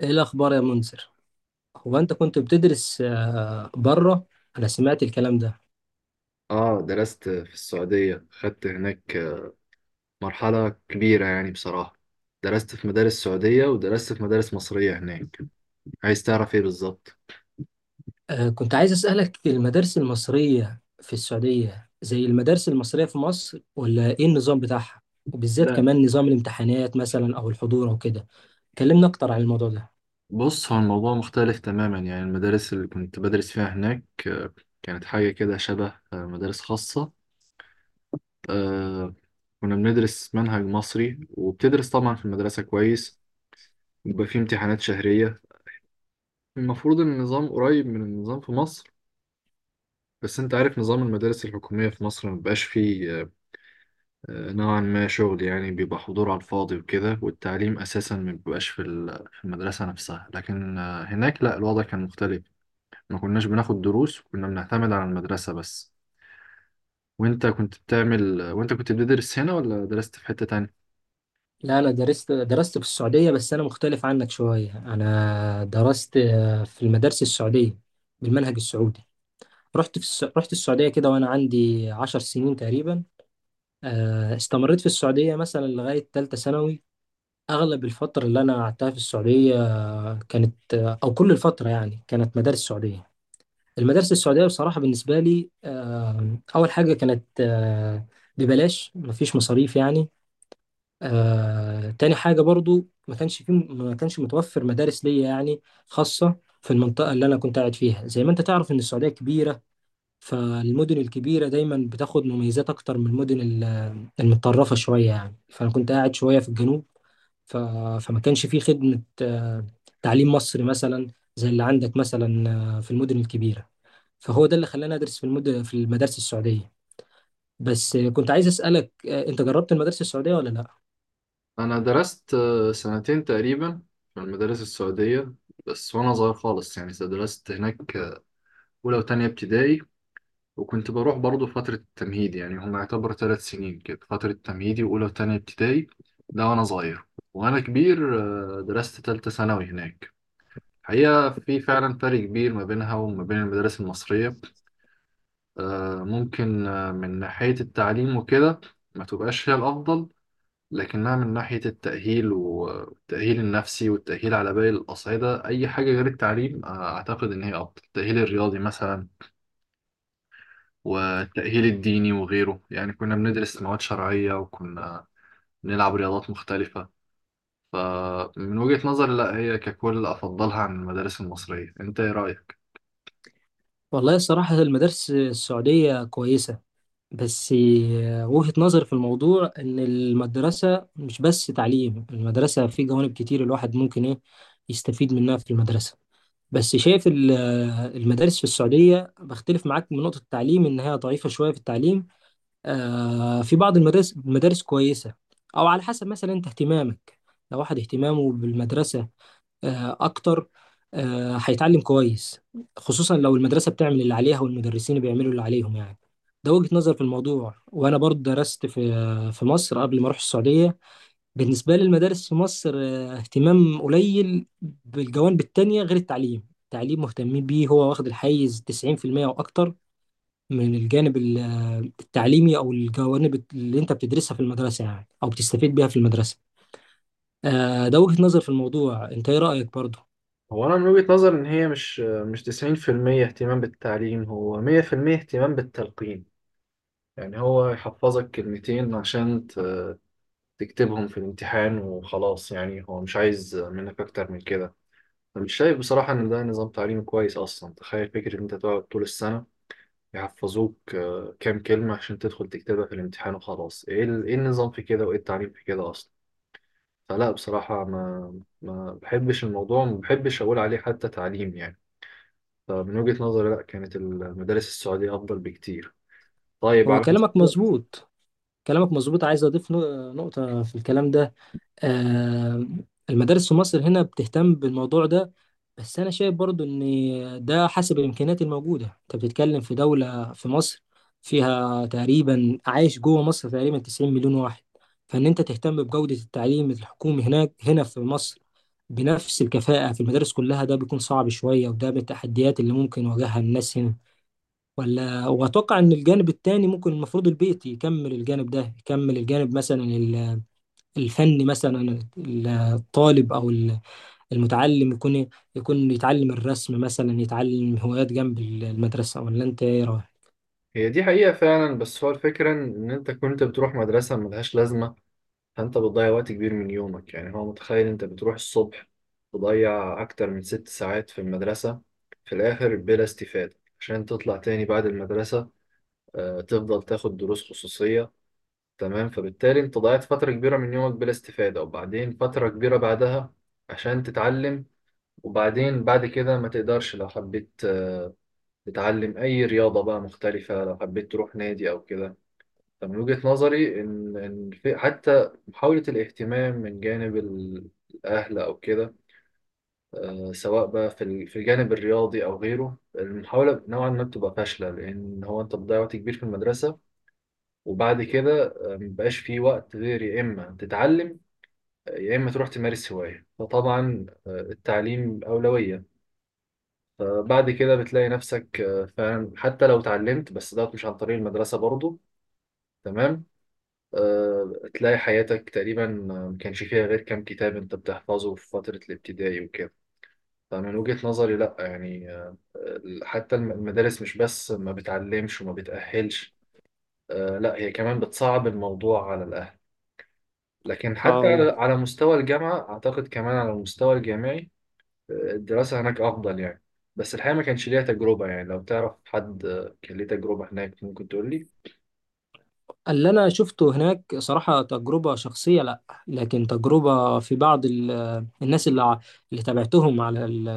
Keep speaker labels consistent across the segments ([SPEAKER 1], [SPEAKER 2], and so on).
[SPEAKER 1] ايه الاخبار يا منذر. هو انت كنت بتدرس بره. انا سمعت الكلام ده.
[SPEAKER 2] اه، درست في السعودية. خدت هناك مرحلة كبيرة يعني بصراحة. درست في مدارس سعودية ودرست في مدارس مصرية هناك. عايز تعرف ايه بالظبط؟
[SPEAKER 1] كنت عايز اسالك، المدارس المصريه في السعوديه زي المدارس المصريه في مصر ولا ايه النظام بتاعها؟ وبالذات
[SPEAKER 2] لا.
[SPEAKER 1] كمان نظام الامتحانات مثلا او الحضور او كده. كلمنا اكتر عن الموضوع ده.
[SPEAKER 2] بص، هو الموضوع مختلف تماما، يعني المدارس اللي كنت بدرس فيها هناك كانت حاجة كده شبه مدارس خاصة. آه، كنا بندرس منهج مصري، وبتدرس طبعا في المدرسة كويس، وبيبقى فيه امتحانات شهرية. المفروض ان النظام قريب من النظام في مصر، بس انت عارف نظام المدارس الحكومية في مصر مبقاش فيه نوعا ما شغل، يعني بيبقى حضور على الفاضي وكده، والتعليم أساسا ما بيبقاش في في المدرسة نفسها. لكن هناك لا، الوضع كان مختلف. ما كناش بناخد دروس، وكنا بنعتمد على المدرسة بس. وانت كنت بتعمل، وانت كنت بتدرس هنا ولا درست في حتة تانية؟
[SPEAKER 1] لا، انا درست في السعوديه. بس انا مختلف عنك شويه، انا درست في المدارس السعوديه بالمنهج السعودي. رحت السعوديه كده وانا عندي 10 سنين تقريبا. استمريت في السعودية مثلا لغاية تالتة ثانوي. أغلب الفترة اللي أنا قعدتها في السعودية كانت، أو كل الفترة يعني، كانت مدارس سعودية. المدارس السعودية بصراحة بالنسبة لي، أول حاجة كانت ببلاش، مفيش مصاريف يعني. تاني حاجة برضو، ما كانش متوفر مدارس ليا يعني، خاصة، في المنطقة اللي أنا كنت قاعد فيها. زي ما أنت تعرف إن السعودية كبيرة، فالمدن الكبيرة دايما بتاخد مميزات أكتر من المدن المتطرفة شوية يعني. فأنا كنت قاعد شوية في الجنوب، ف... فما كانش فيه خدمة تعليم مصري مثلا زي اللي عندك مثلا في المدن الكبيرة. فهو ده اللي خلاني أدرس في المدارس السعودية. بس كنت عايز أسألك، أنت جربت المدارس السعودية ولا لأ؟
[SPEAKER 2] أنا درست سنتين تقريبا في المدارس السعودية بس، وأنا صغير خالص يعني. درست هناك أولى وتانية ابتدائي، وكنت بروح برضه فترة التمهيد، يعني هم يعتبر 3 سنين كده: فترة تمهيدي وأولى وتانية ابتدائي، ده وأنا صغير. وأنا كبير درست تالتة ثانوي هناك. الحقيقة في فعلا فرق كبير ما بينها وما بين المدارس المصرية. ممكن من ناحية التعليم وكده ما تبقاش هي الأفضل، لكنها من ناحية التأهيل، والتأهيل النفسي، والتأهيل على باقي الأصعدة، أي حاجة غير التعليم، أعتقد إن هي أفضل. التأهيل الرياضي مثلا، والتأهيل الديني وغيره، يعني كنا بندرس مواد شرعية وكنا بنلعب رياضات مختلفة. فمن وجهة نظري، لا، هي ككل أفضلها عن المدارس المصرية. أنت إيه رأيك؟
[SPEAKER 1] والله الصراحة المدارس السعودية كويسة، بس وجهة نظر في الموضوع، إن المدرسة مش بس تعليم، المدرسة في جوانب كتير الواحد ممكن إيه يستفيد منها في المدرسة. بس شايف المدارس في السعودية، بختلف معاك من نقطة التعليم، إن هي ضعيفة شوية في التعليم. في بعض المدارس، المدارس كويسة، أو على حسب مثلا أنت اهتمامك. لو واحد اهتمامه بالمدرسة أكتر، هيتعلم كويس، خصوصا لو المدرسة بتعمل اللي عليها والمدرسين بيعملوا اللي عليهم يعني. ده وجهة نظر في الموضوع. وأنا برضه درست في مصر قبل ما أروح السعودية. بالنسبة لي المدارس في مصر اهتمام قليل بالجوانب التانية غير التعليم. التعليم مهتمين بيه، هو واخد الحيز 90% أو أكتر من الجانب التعليمي، أو الجوانب اللي أنت بتدرسها في المدرسة يعني أو بتستفيد بيها في المدرسة. ده وجهة نظر في الموضوع. أنت إيه رأيك برضه؟
[SPEAKER 2] هو أنا من وجهة نظري إن هي مش 90% اهتمام بالتعليم، هو 100% اهتمام بالتلقين. يعني هو يحفظك كلمتين عشان تكتبهم في الامتحان وخلاص، يعني هو مش عايز منك أكتر من كده. أنا مش شايف بصراحة إن ده نظام تعليم كويس أصلا. تخيل فكرة إن أنت تقعد طول السنة يحفظوك كام كلمة عشان تدخل تكتبها في الامتحان وخلاص. ايه النظام في كده، وايه التعليم في كده اصلا؟ فلا بصراحة، ما بحبش الموضوع، ما بحبش اقول عليه حتى تعليم يعني. فمن وجهة نظري، لا، كانت المدارس السعودية افضل بكتير. طيب
[SPEAKER 1] هو
[SPEAKER 2] على
[SPEAKER 1] كلامك
[SPEAKER 2] مستوى.
[SPEAKER 1] مظبوط. كلامك مظبوط، عايز أضيف نقطة في الكلام ده. آه، المدارس في مصر هنا بتهتم بالموضوع ده، بس انا شايف برضو ان ده حسب الامكانيات الموجوده. انت بتتكلم في دوله، في مصر فيها تقريبا، عايش جوه مصر تقريبا 90 مليون واحد. فان انت تهتم بجوده التعليم الحكومي هنا في مصر بنفس الكفاءه في المدارس كلها، ده بيكون صعب شويه، وده من التحديات اللي ممكن يواجهها الناس هنا. ولا، واتوقع ان الجانب التاني ممكن، المفروض البيت يكمل الجانب ده، يكمل الجانب مثلا الفن مثلا. الطالب او المتعلم يكون يتعلم الرسم مثلا، يتعلم هوايات جنب المدرسه. ولا انت ايه رايك؟
[SPEAKER 2] هي دي حقيقة فعلا، بس هو الفكرة ان انت كنت بتروح مدرسة ملهاش لازمة، فانت بتضيع وقت كبير من يومك. يعني هو متخيل، انت بتروح الصبح تضيع اكتر من 6 ساعات في المدرسة، في الاخر بلا استفادة، عشان تطلع تاني بعد المدرسة تفضل تاخد دروس خصوصية. تمام، فبالتالي انت ضيعت فترة كبيرة من يومك بلا استفادة، وبعدين فترة كبيرة بعدها عشان تتعلم. وبعدين بعد كده ما تقدرش لو حبيت تتعلم اي رياضة بقى مختلفة، لو حبيت تروح نادي او كده. من وجهة نظري إن في حتى محاولة الاهتمام من جانب الأهل أو كده، سواء بقى في في الجانب الرياضي أو غيره، المحاولة نوعا ما بتبقى فاشلة، لأن هو أنت بتضيع وقت كبير في المدرسة. وبعد كده مبقاش في وقت، غير يا إما تتعلم يا إما تروح تمارس هواية. فطبعا التعليم أولوية. فبعد كده بتلاقي نفسك فعلا، حتى لو اتعلمت، بس دوت مش عن طريق المدرسة برضه. تمام. تلاقي حياتك تقريبا ما كانش فيها غير كام كتاب انت بتحفظه في فترة الابتدائي وكده. فمن وجهة نظري، لا يعني، حتى المدارس مش بس ما بتعلمش وما بتأهلش، لا، هي كمان بتصعب الموضوع على الأهل. لكن حتى
[SPEAKER 1] اه.
[SPEAKER 2] على مستوى الجامعة، أعتقد كمان على المستوى الجامعي الدراسة هناك أفضل يعني. بس الحقيقة ما كانش ليها تجربة، يعني لو تعرف حد كان ليه تجربة هناك ممكن تقول لي.
[SPEAKER 1] اللي انا شفته هناك صراحه، تجربه شخصيه لا، لكن تجربه في بعض الناس اللي اللي تابعتهم على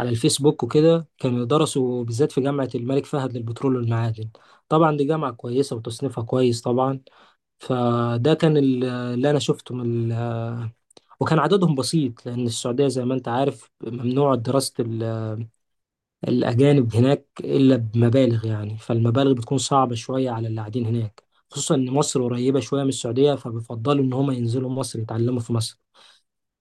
[SPEAKER 1] على الفيسبوك وكده، كانوا درسوا بالذات في جامعه الملك فهد للبترول والمعادن. طبعا دي جامعه كويسه وتصنيفها كويس طبعا. فده كان اللي أنا شفته وكان عددهم بسيط، لأن السعودية زي ما أنت عارف ممنوع دراسة الأجانب هناك إلا بمبالغ يعني. فالمبالغ بتكون صعبة شوية على اللي قاعدين هناك، خصوصا إن مصر قريبة شوية من السعودية، فبيفضلوا إن هما ينزلوا مصر يتعلموا في مصر.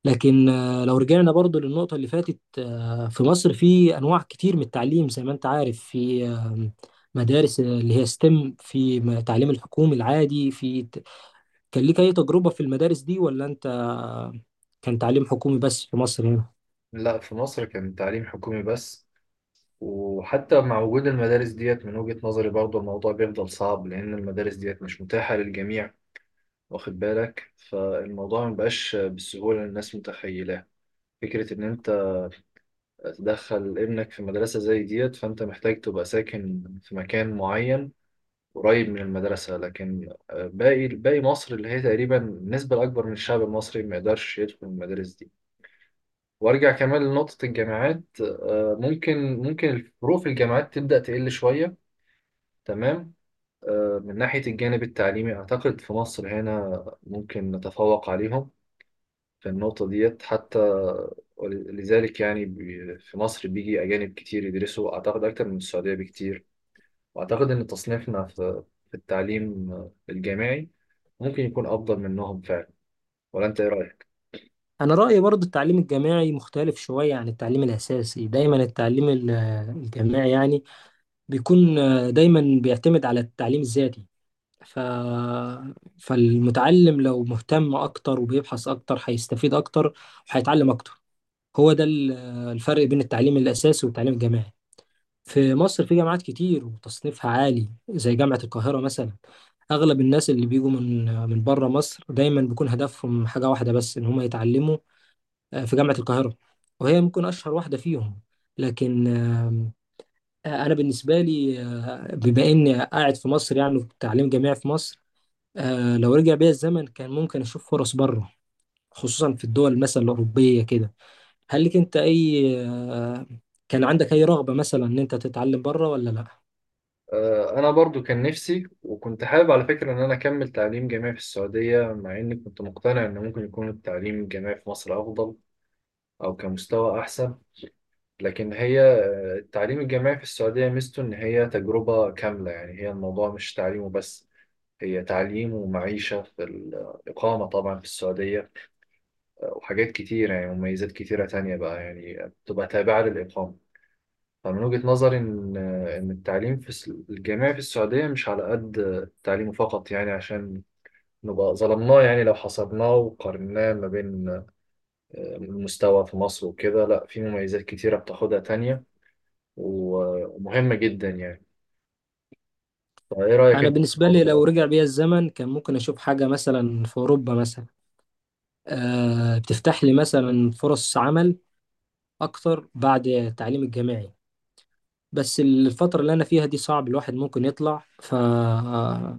[SPEAKER 1] لكن، لو رجعنا برضو للنقطة اللي فاتت، في مصر في أنواع كتير من التعليم زي ما أنت عارف، في مدارس اللي هي ستيم، التعليم الحكومي العادي، في. كان ليك أي تجربة في المدارس دي، ولا أنت كان تعليم حكومي بس في مصر هنا؟
[SPEAKER 2] لا، في مصر كان تعليم حكومي بس. وحتى مع وجود المدارس ديت من وجهة نظري برضه الموضوع بيفضل صعب، لأن المدارس ديت مش متاحة للجميع، واخد بالك. فالموضوع مبقاش بالسهولة اللي الناس متخيلاه. فكرة إن أنت تدخل ابنك في مدرسة زي ديت، فأنت محتاج تبقى ساكن في مكان معين قريب من المدرسة، لكن باقي مصر اللي هي تقريبا النسبة الأكبر من الشعب المصري ما يقدرش يدخل المدارس دي. وارجع كمان لنقطة الجامعات، ممكن الفروق في الجامعات تبدأ تقل شوية. تمام. من ناحية الجانب التعليمي أعتقد في مصر هنا ممكن نتفوق عليهم في النقطة ديت حتى. لذلك يعني في مصر بيجي أجانب كتير يدرسوا، أعتقد أكتر من السعودية بكتير. وأعتقد إن تصنيفنا في التعليم الجامعي ممكن يكون أفضل منهم فعلا. ولا أنت إيه رأيك؟
[SPEAKER 1] أنا رأيي برضو، التعليم الجامعي مختلف شوية عن التعليم الأساسي. دايما التعليم الجامعي يعني بيكون دايما بيعتمد على التعليم الذاتي، ف... فالمتعلم لو مهتم أكتر وبيبحث أكتر، هيستفيد أكتر وهيتعلم أكتر. هو ده الفرق بين التعليم الأساسي والتعليم الجامعي. في مصر في جامعات كتير وتصنيفها عالي، زي جامعة القاهرة مثلا. اغلب الناس اللي بيجوا من بره مصر دايما بيكون هدفهم حاجه واحده بس، ان هم يتعلموا في جامعه القاهره، وهي ممكن اشهر واحده فيهم. لكن انا بالنسبه لي، بما اني قاعد في مصر يعني، في تعليم جامعي في مصر. لو رجع بيا الزمن، كان ممكن اشوف فرص بره، خصوصا في الدول مثلا الاوروبيه كده. هل لك انت اي كان عندك اي رغبه مثلا ان انت تتعلم بره ولا لا؟
[SPEAKER 2] أنا برضو كان نفسي، وكنت حابب على فكرة إن أنا أكمل تعليم جامعي في السعودية، مع إني كنت مقتنع إن ممكن يكون التعليم الجامعي في مصر أفضل أو كمستوى أحسن. لكن هي التعليم الجامعي في السعودية ميزته إن هي تجربة كاملة، يعني هي الموضوع مش تعليم وبس. هي تعليم ومعيشة في الإقامة طبعا في السعودية، وحاجات كتير، يعني مميزات كتيرة تانية بقى يعني بتبقى تابعة للإقامة. فمن وجهة نظري إن التعليم في الجامعي في السعودية مش على قد التعليم فقط، يعني عشان نبقى ظلمناه، يعني لو حصرناه وقارناه ما بين المستوى في مصر وكده. لا، في مميزات كتيرة بتاخدها تانية ومهمة جدا يعني. طيب ايه رأيك
[SPEAKER 1] انا
[SPEAKER 2] انت في
[SPEAKER 1] بالنسبه لي،
[SPEAKER 2] الموضوع
[SPEAKER 1] لو
[SPEAKER 2] ده؟
[SPEAKER 1] رجع بيا الزمن، كان ممكن اشوف حاجه مثلا في اوروبا مثلا، بتفتح لي مثلا فرص عمل اكتر بعد التعليم الجامعي. بس الفترة اللي أنا فيها دي صعب الواحد ممكن يطلع،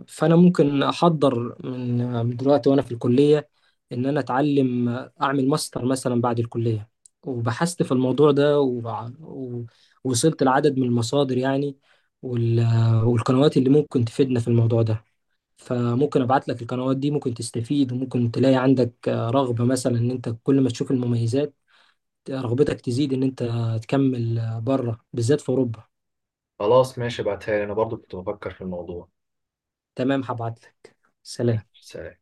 [SPEAKER 1] فأنا ممكن أحضر من دلوقتي وأنا في الكلية، إن أنا أتعلم، أعمل ماستر مثلا بعد الكلية. وبحثت في الموضوع ده ووصلت لعدد من المصادر يعني، وال... والقنوات اللي ممكن تفيدنا في الموضوع ده. فممكن ابعت لك القنوات دي، ممكن تستفيد، وممكن تلاقي عندك رغبة مثلا، ان انت كل ما تشوف المميزات رغبتك تزيد ان انت تكمل بره بالذات في اوروبا.
[SPEAKER 2] خلاص ماشي، ابعتها لي، انا برضو كنت بفكر في الموضوع.
[SPEAKER 1] تمام، هبعت لك. سلام.
[SPEAKER 2] سلام.